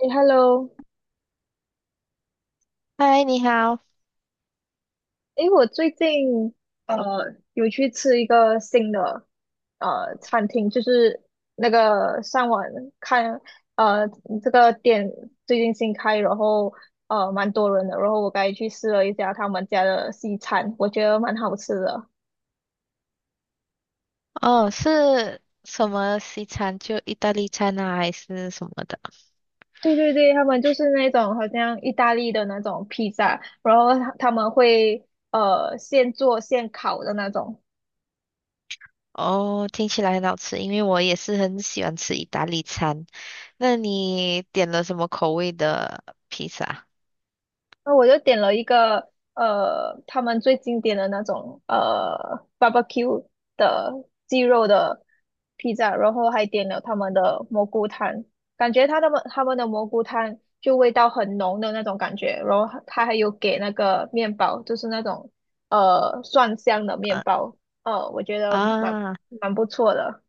诶 h e l l o 嗨，你好。诶，我最近呃有去吃一个新的餐厅，就是那个上网看呃这个店最近新开，然后蛮多人的，然后我刚才去试了一下他们家的西餐，我觉得蛮好吃的。哦，是什么西餐？就意大利餐啊，还是什么的？对对对，他们就是那种好像意大利的那种披萨，然后他们会现做现烤的那种。哦，听起来很好吃，因为我也是很喜欢吃意大利餐。那你点了什么口味的披萨？那我就点了一个他们最经典的那种barbecue 的鸡肉的披萨，然后还点了他们的蘑菇汤，感觉他们的蘑菇汤就味道很浓的那种感觉，然后他还有给那个面包，就是那种蒜香的面嗯包，我觉得蛮啊，蛮不错的。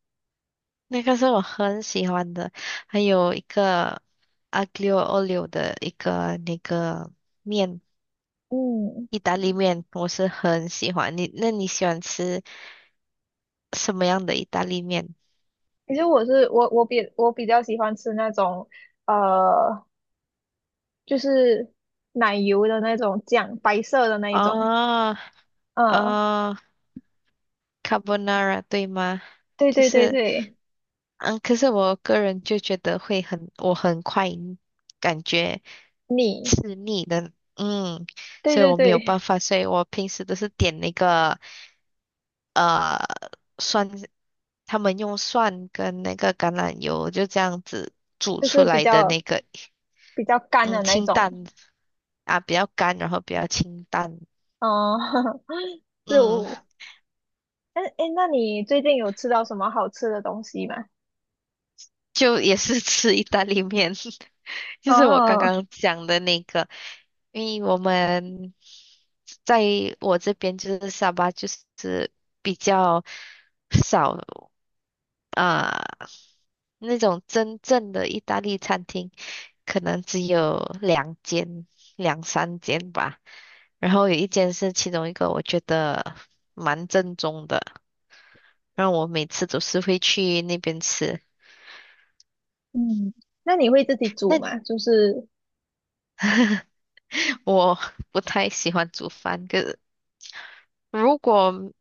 那个是我很喜欢的，还有一个 aglio olio 的一个那个面，嗯，意大利面，我是很喜欢。那你喜欢吃什么样的意大利面？其实我是我我比我比较喜欢吃那种。呃就是奶油的那种酱，白色的那一种。啊嗯，啊。哦 carbonara 对吗？对就对对是，对，可是我个人就觉得会很，我很快感觉你，吃腻的，对所以对我没有办对，法，所以我平时都是点那个呃蒜，他们用蒜跟那个橄榄油就这样子煮就出是比来的那较个，比较干嗯，的那一清淡种。啊，比较干，然后比较清淡，嗯，嗯，就，哎哎，诶那你最近有吃到什么好吃的东西吗？就也是吃意大利面，就是我刚哦，刚讲的那个，因为我们在我这边就是沙巴，就是比较少啊、那种真正的意大利餐厅，可能只有两间、两三间吧。然后有一间是其中一个，我觉得蛮正宗的，然后我每次都是会去那边吃。嗯，那你会自己煮那你？吗？就是，我不太喜欢煮饭，可是如果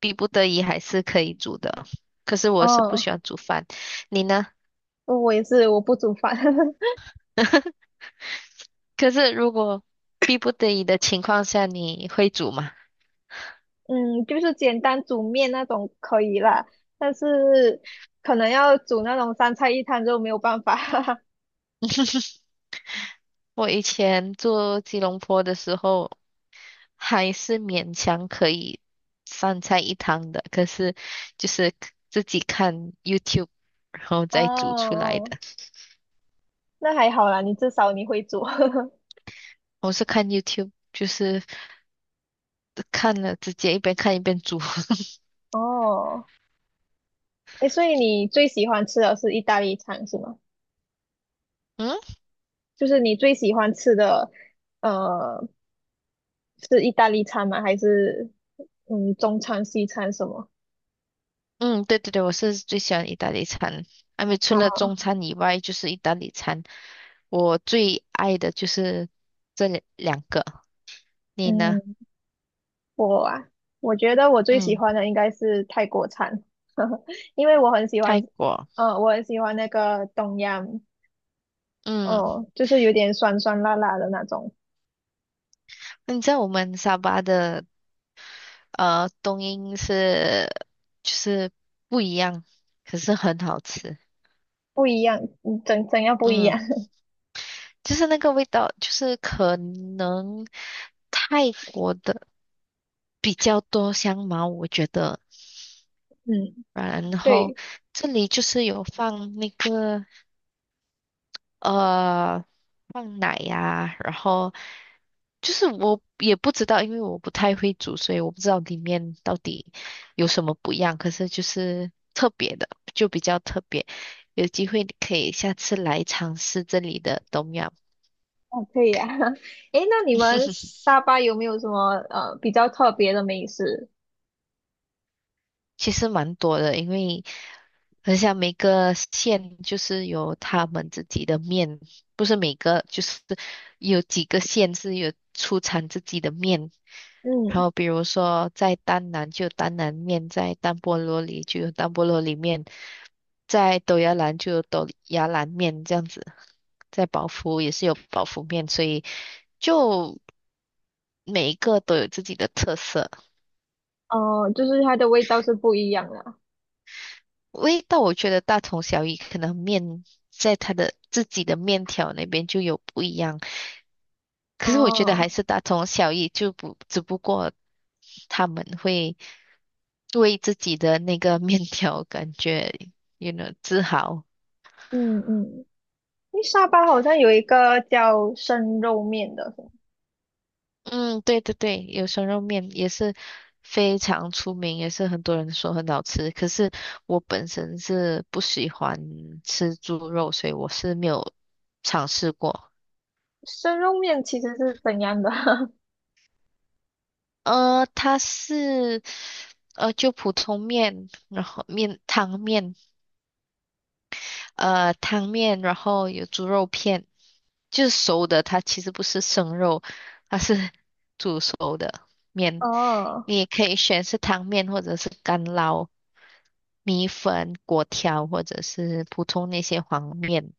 逼不得已还是可以煮的。可是我是不喜哦，欢煮饭，你呢？我也是，我不煮饭。可是如果逼不得已的情况下，你会煮吗？嗯，就是简单煮面那种可以啦，但是可能要煮那种三菜一汤就没有办法。我以前做吉隆坡的时候，还是勉强可以三菜一汤的，可是就是自己看 YouTube，然后哦再煮出来哦，哦的。那还好啦，至少你会做。我是看 YouTube，就是看了直接一边看一边煮。哦，哎，所以你最喜欢吃的是意大利餐是吗？嗯。就是你最喜欢吃的，呃，是意大利餐吗？还是嗯中餐、西餐什么？嗯，对对对，我是最喜欢意大利餐，因为除了哦，中餐以外，就是意大利餐。我最爱的就是这两个，你呢？嗯，我啊，我觉得我最喜嗯，欢的应该是泰国餐。因为我很喜泰欢，国，我很喜欢那个东洋，嗯，哦，就是有点酸酸辣辣的那种。那你知道我们沙巴的冬阴是就是不一样，可是很好吃。不一样，嗯怎样不一嗯，样？就是那个味道，就是可能泰国的比较多香茅，我觉得。嗯，然后对。这里就是有放呃奶呀、然后就是我也不知道，因为我不太会煮，所以我不知道里面到底有什么不一样。可是就是特别的，就比较特别，有机会你可以下次来尝试这里的东阳。哦，可以啊。诶，那你们沙巴有没有什么比较特别的美食？其实蛮多的，因为很像每个县就是有他们自己的面，不是每个就是有几个县是有出产自己的面。然嗯，后比如说在丹南就有丹南面，在丹波罗里就有丹波罗里面，在斗芽兰就有斗芽兰面这样子，在宝福也是有宝福面，所以就每一个都有自己的特色。哦，就是它的味道是不一样的。味道我觉得大同小异，可能面在它的自己的面条那边就有不一样，可是我觉得还哦，是大同小异，就不只不过他们会为自己的那个面条感觉自豪。嗯嗯，因为沙巴好像有一个叫生肉面的。嗯，对对对，有生肉面也是非常出名，也是很多人说很好吃。可是我本身是不喜欢吃猪肉，所以我是没有尝试过。生肉面其实是怎样的？它是就普通面，然后面汤面，汤面，然后有猪肉片，就是熟的，它其实不是生肉，它是煮熟的面。哦，你也可以选是汤面或者是干捞米粉、粿条，或者是普通那些黄面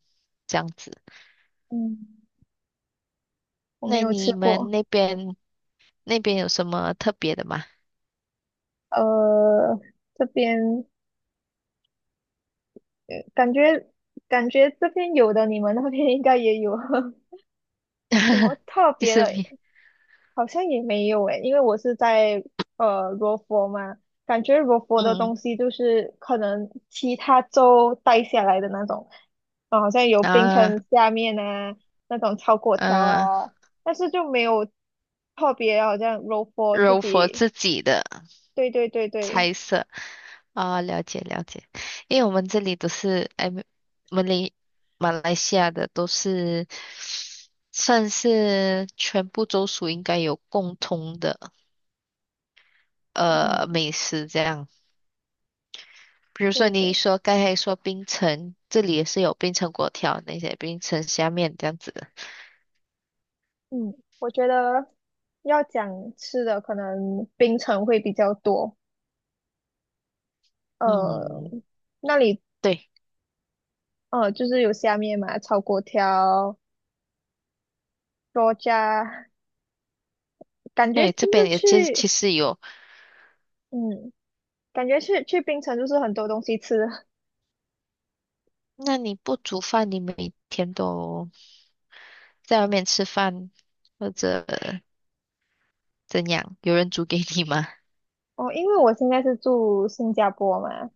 这样子。嗯，我没那有吃你们过。那边有什么特别的吗？呃，这边感觉感觉这边有的，你们那边应该也有。 什么 特就别是的？面，好像也没有诶，因为我是在罗佛嘛，感觉罗佛的嗯东西就是可能其他州带下来的那种，啊，好像有冰啊。城下面啊那种炒粿条嗯，啊，但是就没有特别，好像罗佛自柔佛己，自己的对对对对，猜测啊，了解了解，因为我们这里都是哎，们来马来西亚的都是算是全部州属应该有共通的嗯，美食这样，比如说对你对，说刚才说槟城，这里也是有槟城粿条那些槟城虾面这样子的，嗯，我觉得要讲吃的，可能冰城会比较多。呃，嗯，那里对，就是有下面嘛，炒粿条。多加，感觉对，这就是边也其实其去，实有，嗯，感觉去槟城就是很多东西吃。那你不煮饭，你每天都在外面吃饭或者怎样，有人煮给你吗？哦，因为我现在是住新加坡嘛。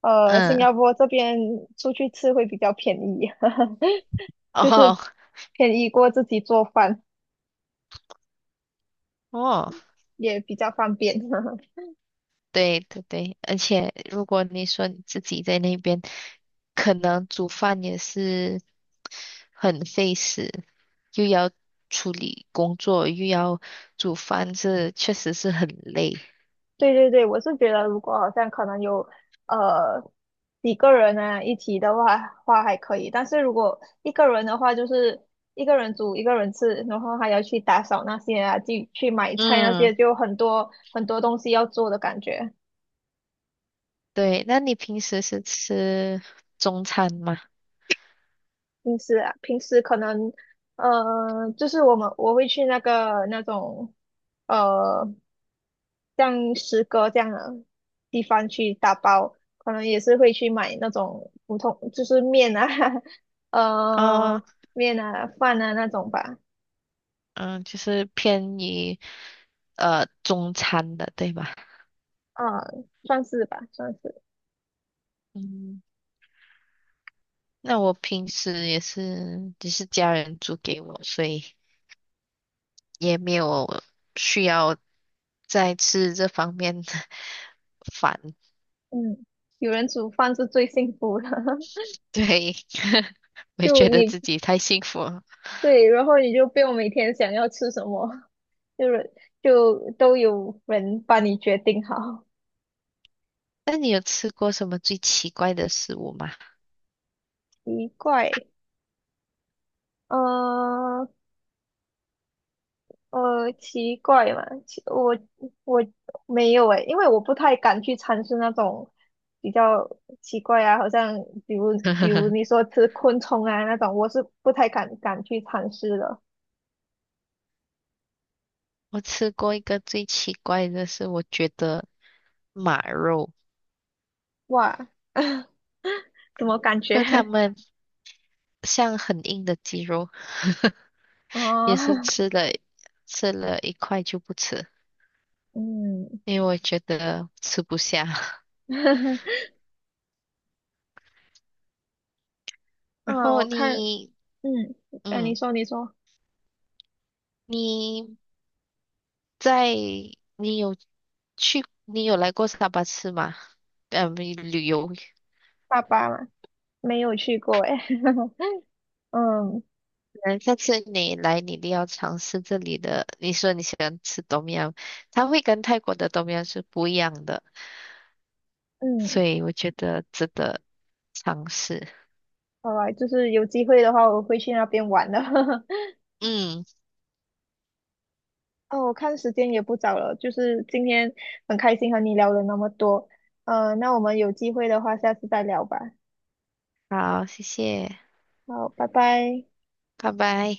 新嗯，加坡这边出去吃会比较便宜，就哦是便宜过自己做饭，哦，也比较方便。对对对，而且如果你说你自己在那边，可能煮饭也是很费时，又要处理工作，又要煮饭，这确实是很累。对对对，我是觉得如果好像可能有呃几个人啊一起的话还可以，但是如果一个人的话，就是一个人煮一个人吃，然后还要去打扫那些啊，去买菜那嗯，些，就很多东西要做的感觉。对，那你平时是吃中餐吗？平时啊，平时可能就是我会去那个那种。呃像诗歌这样的地方去打包，可能也是会去买那种普通，就是面啊，啊，呃，面啊、饭啊那种吧，嗯，就是偏于中餐的，对吧？啊，算是吧，算是，嗯，那我平时也是，只是家人煮给我，所以也没有需要再吃这方面的 饭。嗯，有人煮饭是最幸福的。对，我也就觉得你自己太幸福了。对，然后你就不用每天想要吃什么，就是就都有人帮你决定好。那你有吃过什么最奇怪的食物吗？奇怪。呃，奇怪嘛，我没有诶，因为我不太敢去尝试那种比较奇怪啊，好像比如比如你 说吃昆虫啊那种，我是不太敢去尝试的。我吃过一个最奇怪的是，我觉得马肉，哇，怎么感觉？就他 们像很硬的鸡肉，哦，也是吃了一块就不吃，嗯，因为我觉得吃不下。嗯，然后我看，嗯，哎，你嗯，说你说，你在，你有你有来过沙巴吃吗？旅游。爸爸嘛，没有去过诶，嗯嗯，下次你来，你一定要尝试这里的。你说你喜欢吃 tom yum，它会跟泰国的 TO 是不一样的，嗯，所以我觉得值得尝试。好吧，就是有机会的话，我会去那边玩的。嗯，哦，我看时间也不早了，就是今天很开心和你聊了那么多，那我们有机会的话，下次再聊吧。好，谢谢，好，拜拜。拜拜。